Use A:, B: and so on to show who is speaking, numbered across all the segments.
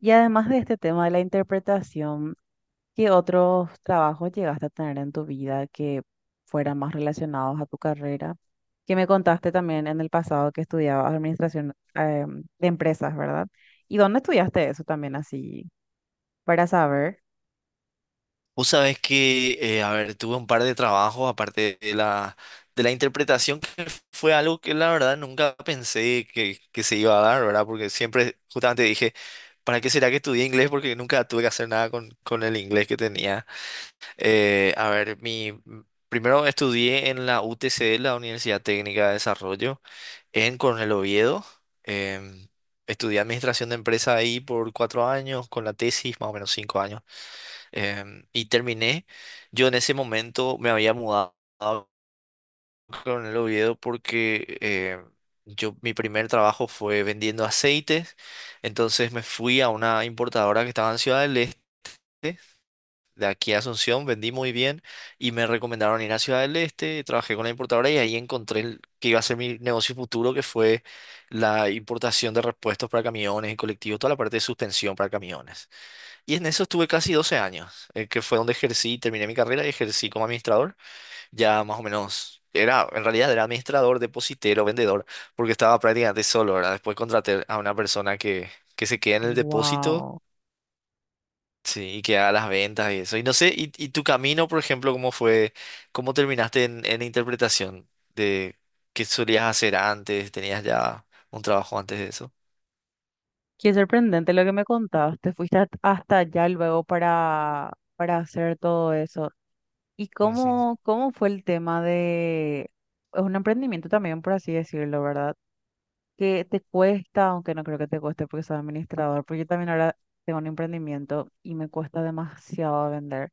A: Y además de este tema de la interpretación, ¿qué otros trabajos llegaste a tener en tu vida que fueran más relacionados a tu carrera? Que me contaste también en el pasado que estudiabas administración de empresas, ¿verdad? ¿Y dónde estudiaste eso también así? Para saber.
B: Vos sabés que, a ver, tuve un par de trabajos aparte de la interpretación, que fue algo que la verdad nunca pensé que se iba a dar, ¿verdad? Porque siempre justamente dije, ¿para qué será que estudié inglés? Porque nunca tuve que hacer nada con el inglés que tenía. A ver, primero estudié en la UTC, la Universidad Técnica de Desarrollo, en Coronel Oviedo. Em, Estudié administración de empresa ahí por 4 años, con la tesis más o menos 5 años. Y terminé. Yo en ese momento me había mudado con el Oviedo porque mi primer trabajo fue vendiendo aceites. Entonces me fui a una importadora que estaba en Ciudad del Este. De aquí a Asunción vendí muy bien y me recomendaron ir a Ciudad del Este. Trabajé con la importadora y ahí encontré que iba a ser mi negocio futuro, que fue la importación de repuestos para camiones y colectivos, toda la parte de suspensión para camiones. Y en eso estuve casi 12 años, que fue donde ejercí, terminé mi carrera y ejercí como administrador. Ya más o menos, en realidad era administrador, depositero, vendedor, porque estaba prácticamente solo, ¿verdad? Después contraté a una persona que se queda en el depósito,
A: Wow.
B: sí, y que haga las ventas y eso. Y no sé, y tu camino, por ejemplo, cómo fue, cómo terminaste en interpretación de qué solías hacer antes, tenías ya un trabajo antes de eso.
A: Qué sorprendente lo que me contaste. Hasta allá luego para hacer todo eso. ¿Y
B: Ujú,
A: cómo, cómo fue el tema de... Es un emprendimiento también, por así decirlo, ¿verdad? Que te cuesta, aunque no creo que te cueste porque soy administrador, porque yo también ahora tengo un emprendimiento y me cuesta demasiado vender.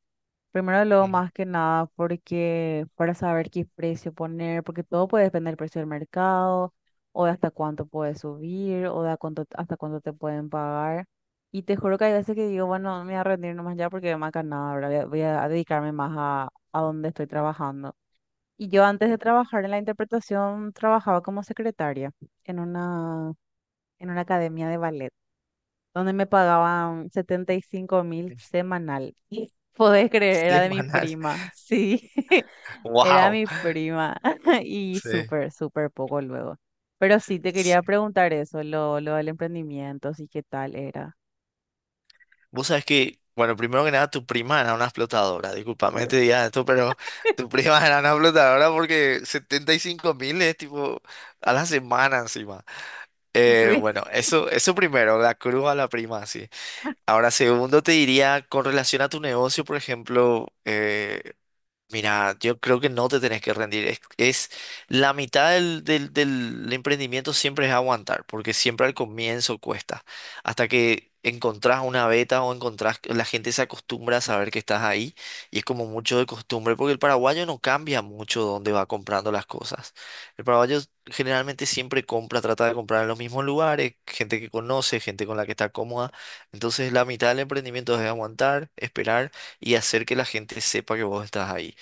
A: Primero, luego,
B: ujú.
A: más que nada, porque para saber qué precio poner, porque todo puede depender del precio del mercado, o de hasta cuánto puedes subir, o de a cuánto, hasta cuánto te pueden pagar. Y te juro que hay veces que digo, bueno, me voy a rendir nomás ya porque más que nada, ahora voy a, voy a dedicarme más a donde estoy trabajando. Y yo antes de trabajar en la interpretación, trabajaba como secretaria en una en una academia de ballet, donde me pagaban 75.000 semanal. Y podés creer, era de mi
B: Semanal.
A: prima, sí, era
B: Wow.
A: mi prima. Y
B: Sí.
A: súper, súper poco luego. Pero sí, te quería preguntar eso, lo del emprendimiento, sí, qué tal era.
B: Vos sabés que, bueno, primero que nada, tu prima era una explotadora. Disculpame que te diga esto, pero tu prima era una explotadora porque 75 mil es tipo a la semana encima.
A: Sí.
B: Bueno, eso primero, la cruz a la prima, sí. Ahora, segundo, te diría, con relación a tu negocio, por ejemplo, mira, yo creo que no te tenés que rendir. Es la mitad del emprendimiento siempre es aguantar, porque siempre al comienzo cuesta. Hasta que encontrás una beta o la gente se acostumbra a saber que estás ahí y es como mucho de costumbre, porque el paraguayo no cambia mucho dónde va comprando las cosas. El paraguayo generalmente siempre compra, trata de comprar en los mismos lugares, gente que conoce, gente con la que está cómoda. Entonces la mitad del emprendimiento es aguantar, esperar y hacer que la gente sepa que vos estás ahí.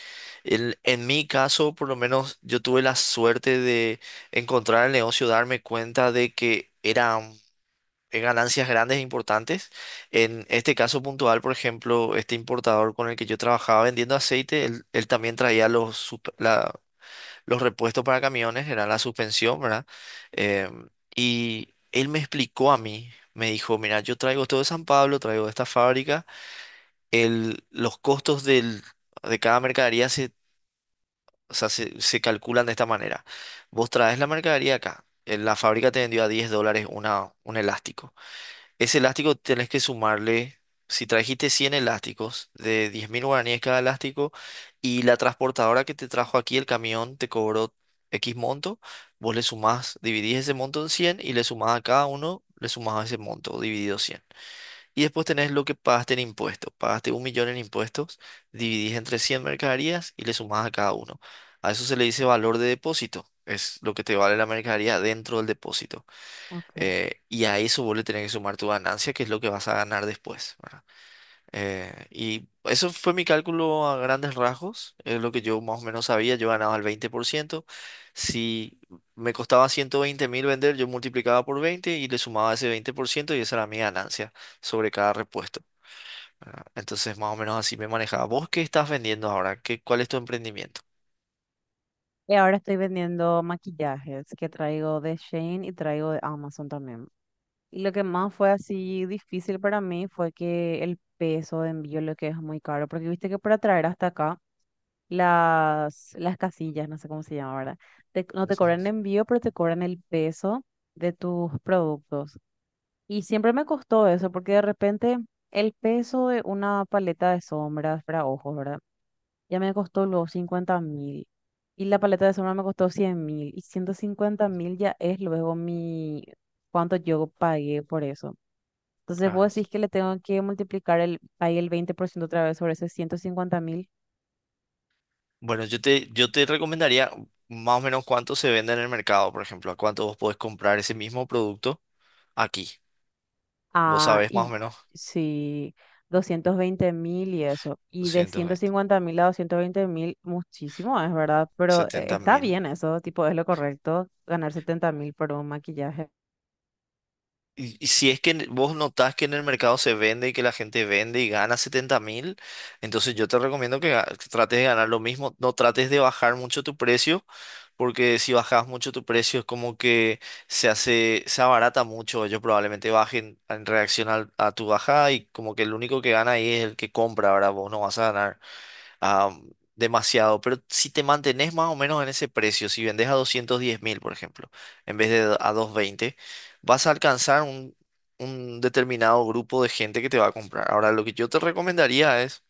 B: En mi caso, por lo menos, yo tuve la suerte de encontrar el negocio, darme cuenta de que eran ganancias grandes e importantes. En este caso puntual, por ejemplo, este importador con el que yo trabajaba vendiendo aceite, él también traía los repuestos para camiones, era la suspensión, ¿verdad? Em, y él me explicó a mí, me dijo, mira, yo traigo esto de San Pablo, traigo de esta fábrica, los costos del de cada mercadería, o sea, se calculan de esta manera. Vos traes la mercadería acá. La fábrica te vendió a $10 un elástico. Ese elástico tenés que sumarle, si trajiste 100 elásticos de 10.000 guaraníes cada elástico y la transportadora que te trajo aquí, el camión, te cobró X monto, vos le sumás, dividís ese monto en 100 y le sumás a cada uno, le sumás ese monto dividido 100. Y después tenés lo que pagaste en impuestos. Pagaste 1.000.000 en impuestos, dividís entre 100 mercaderías y le sumás a cada uno. A eso se le dice valor de depósito. Es lo que te vale la mercadería dentro del depósito.
A: Ok.
B: Y a eso vos le tenés que sumar tu ganancia, que es lo que vas a ganar después, ¿verdad? Y eso fue mi cálculo a grandes rasgos. Es lo que yo más o menos sabía. Yo ganaba el 20%. Si me costaba 120.000 vender, yo multiplicaba por 20 y le sumaba ese 20% y esa era mi ganancia sobre cada repuesto. Entonces, más o menos así me manejaba. ¿Vos qué estás vendiendo ahora? ¿Cuál es tu emprendimiento?
A: Y ahora estoy vendiendo maquillajes que traigo de Shane y traigo de Amazon también. Y lo que más fue así difícil para mí fue que el peso de envío, lo que es muy caro, porque viste que para traer hasta acá las casillas, no sé cómo se llama, ¿verdad? No te
B: Ujú.
A: cobran envío, pero te cobran el peso de tus productos. Y siempre me costó eso, porque de repente el peso de una paleta de sombras para ojos, ¿verdad? Ya me costó los 50.000. Y la paleta de sombra me costó 100.000. Y 150.000 ya es luego mi... cuánto yo pagué por eso. Entonces
B: Claro.
A: vos decís que le tengo que multiplicar el, ahí el 20% otra vez sobre ese 150.000.
B: Bueno, yo te recomendaría más o menos cuánto se vende en el mercado, por ejemplo, a cuánto vos podés comprar ese mismo producto aquí. ¿Vos
A: Ah,
B: sabés más o
A: y
B: menos?
A: sí, 220.000 y eso. Y de
B: doscientos
A: ciento
B: veinte
A: cincuenta mil a 220.000, muchísimo es, ¿verdad? Pero
B: setenta
A: está
B: mil.
A: bien eso, tipo, es lo correcto, ganar 70 mil por un maquillaje.
B: Y si es que vos notás que en el mercado se vende y que la gente vende y gana 70.000, entonces yo te recomiendo que trates de ganar lo mismo. No trates de bajar mucho tu precio, porque si bajas mucho tu precio es como que se hace, se abarata mucho. Ellos probablemente bajen en reacción a tu bajada y como que el único que gana ahí es el que compra. Ahora vos no vas a ganar demasiado, pero si te mantenés más o menos en ese precio, si vendes a 210.000, por ejemplo, en vez de a 220, vas a alcanzar un determinado grupo de gente que te va a comprar. Ahora, lo que yo te recomendaría es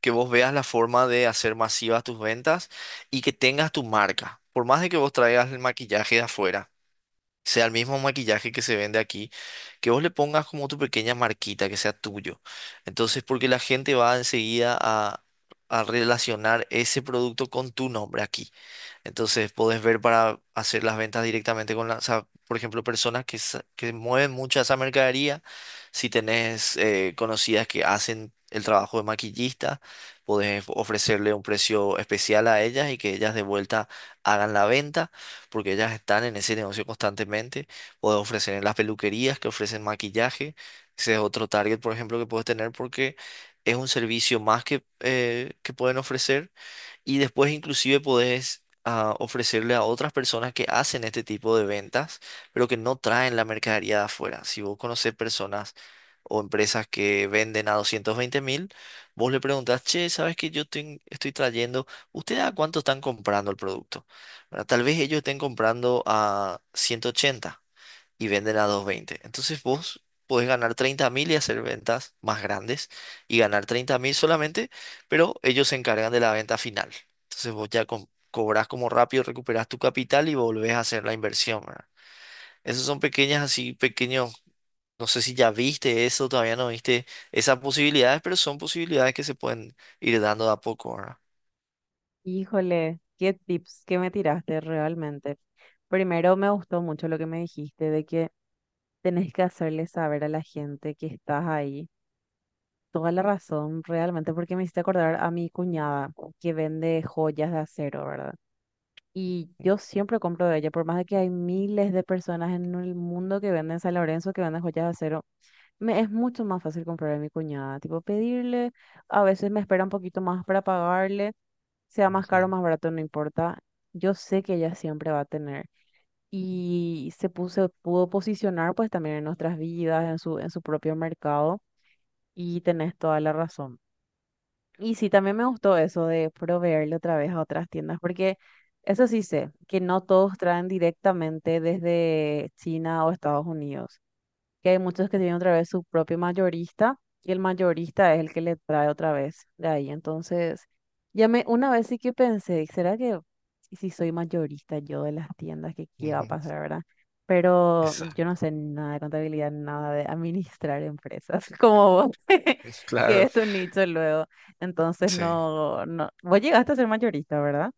B: que vos veas la forma de hacer masivas tus ventas y que tengas tu marca. Por más de que vos traigas el maquillaje de afuera, sea el mismo maquillaje que se vende aquí, que vos le pongas como tu pequeña marquita, que sea tuyo. Entonces, porque la gente va enseguida a relacionar ese producto con tu nombre aquí. Entonces podés ver para hacer las ventas directamente o sea, por ejemplo, personas que mueven mucha esa mercadería. Si tenés conocidas que hacen el trabajo de maquillista, podés ofrecerle un precio especial a ellas y que ellas de vuelta hagan la venta, porque ellas están en ese negocio constantemente. Podés ofrecer en las peluquerías que ofrecen maquillaje. Ese es otro target, por ejemplo, que puedes tener porque es un servicio más que pueden ofrecer y después inclusive podés ofrecerle a otras personas que hacen este tipo de ventas, pero que no traen la mercadería de afuera. Si vos conocés personas o empresas que venden a 220.000, vos le preguntás, che, ¿sabes que estoy trayendo? ¿Ustedes a cuánto están comprando el producto? ¿Verdad? Tal vez ellos estén comprando a 180 y venden a 220. Entonces vos podés ganar 30.000 y hacer ventas más grandes y ganar 30.000 solamente, pero ellos se encargan de la venta final. Entonces vos ya cobras como rápido, recuperas tu capital y volvés a hacer la inversión, ¿verdad? Esos son pequeñas, así pequeños, no sé si ya viste eso, todavía no viste esas posibilidades, pero son posibilidades que se pueden ir dando de a poco, ¿verdad?
A: Híjole, qué tips que me tiraste realmente. Primero me gustó mucho lo que me dijiste de que tenés que hacerle saber a la gente que estás ahí. Toda la razón, realmente, porque me hiciste acordar a mi cuñada que vende joyas de acero, ¿verdad? Y yo siempre compro de ella, por más de que hay miles de personas en el mundo que venden San Lorenzo, que venden joyas de acero, me es mucho más fácil comprar de mi cuñada, tipo pedirle, a veces me espera un poquito más para pagarle, sea más
B: Ujú.
A: caro o más barato, no importa, yo sé que ella siempre va a tener. Y se puso, pudo posicionar pues también en nuestras vidas, en su propio mercado, y tenés toda la razón. Y sí, también me gustó eso de proveerle otra vez a otras tiendas, porque eso sí sé, que no todos traen directamente desde China o Estados Unidos, que hay muchos que tienen otra vez su propio mayorista y el mayorista es el que le trae otra vez de ahí. Entonces, ya me, una vez sí que pensé, ¿será que y si soy mayorista yo de las tiendas, que qué va a
B: Ujú.
A: pasar, verdad? Pero yo
B: Exacto.
A: no sé nada de contabilidad, nada de administrar empresas como vos, que
B: Claro,
A: es tu nicho luego. Entonces,
B: sí.
A: no, no, vos llegaste a ser mayorista, ¿verdad?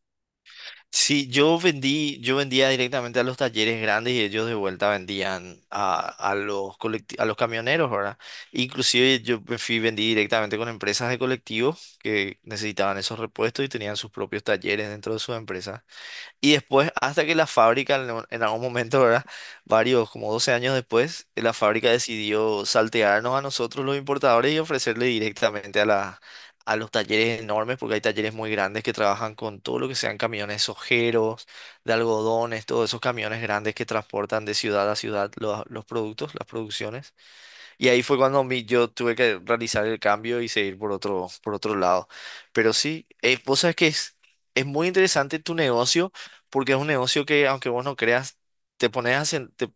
B: Sí, yo vendí, yo vendía directamente a los talleres grandes y ellos de vuelta vendían a los camioneros, ¿verdad? Inclusive yo me fui, vendí directamente con empresas de colectivos que necesitaban esos repuestos y tenían sus propios talleres dentro de sus empresas. Y después, hasta que la fábrica, en en algún momento, ¿verdad? Varios, como 12 años después, la fábrica decidió saltearnos a nosotros los importadores y ofrecerle directamente a los talleres enormes, porque hay talleres muy grandes que trabajan con todo lo que sean camiones ojeros, de algodones, todos esos camiones grandes que transportan de ciudad a ciudad los productos, las producciones. Y ahí fue cuando yo tuve que realizar el cambio y seguir por otro lado. Pero sí, vos sabes que es muy interesante tu negocio porque es un negocio que aunque vos no creas, te pones a, sen- te,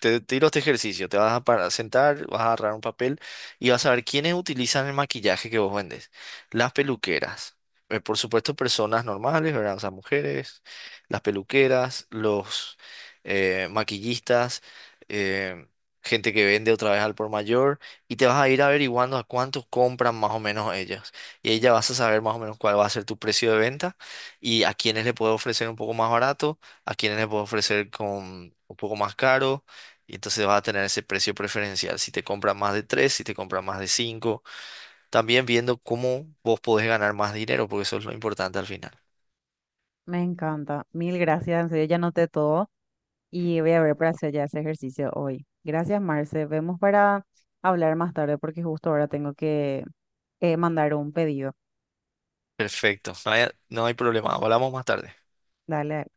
B: te tiro este ejercicio, te vas a sentar, vas a agarrar un papel y vas a ver quiénes utilizan el maquillaje que vos vendes. Las peluqueras, por supuesto personas normales, ¿verdad? O sea, mujeres, las peluqueras, los maquillistas, eh, gente que vende otra vez al por mayor y te vas a ir averiguando a cuántos compran más o menos ellas. Y ahí ya vas a saber más o menos cuál va a ser tu precio de venta y a quiénes le puedo ofrecer un poco más barato, a quiénes le puedo ofrecer con un poco más caro y entonces vas a tener ese precio preferencial si te compras más de tres, si te compras más de cinco. También viendo cómo vos podés ganar más dinero, porque eso es lo importante al final.
A: Me encanta. Mil gracias, en serio, ya noté todo. Y voy a ver para hacer ya ese ejercicio hoy. Gracias, Marce. Vemos para hablar más tarde porque justo ahora tengo que mandar un pedido.
B: Perfecto, no hay problema. Hablamos más tarde.
A: Dale.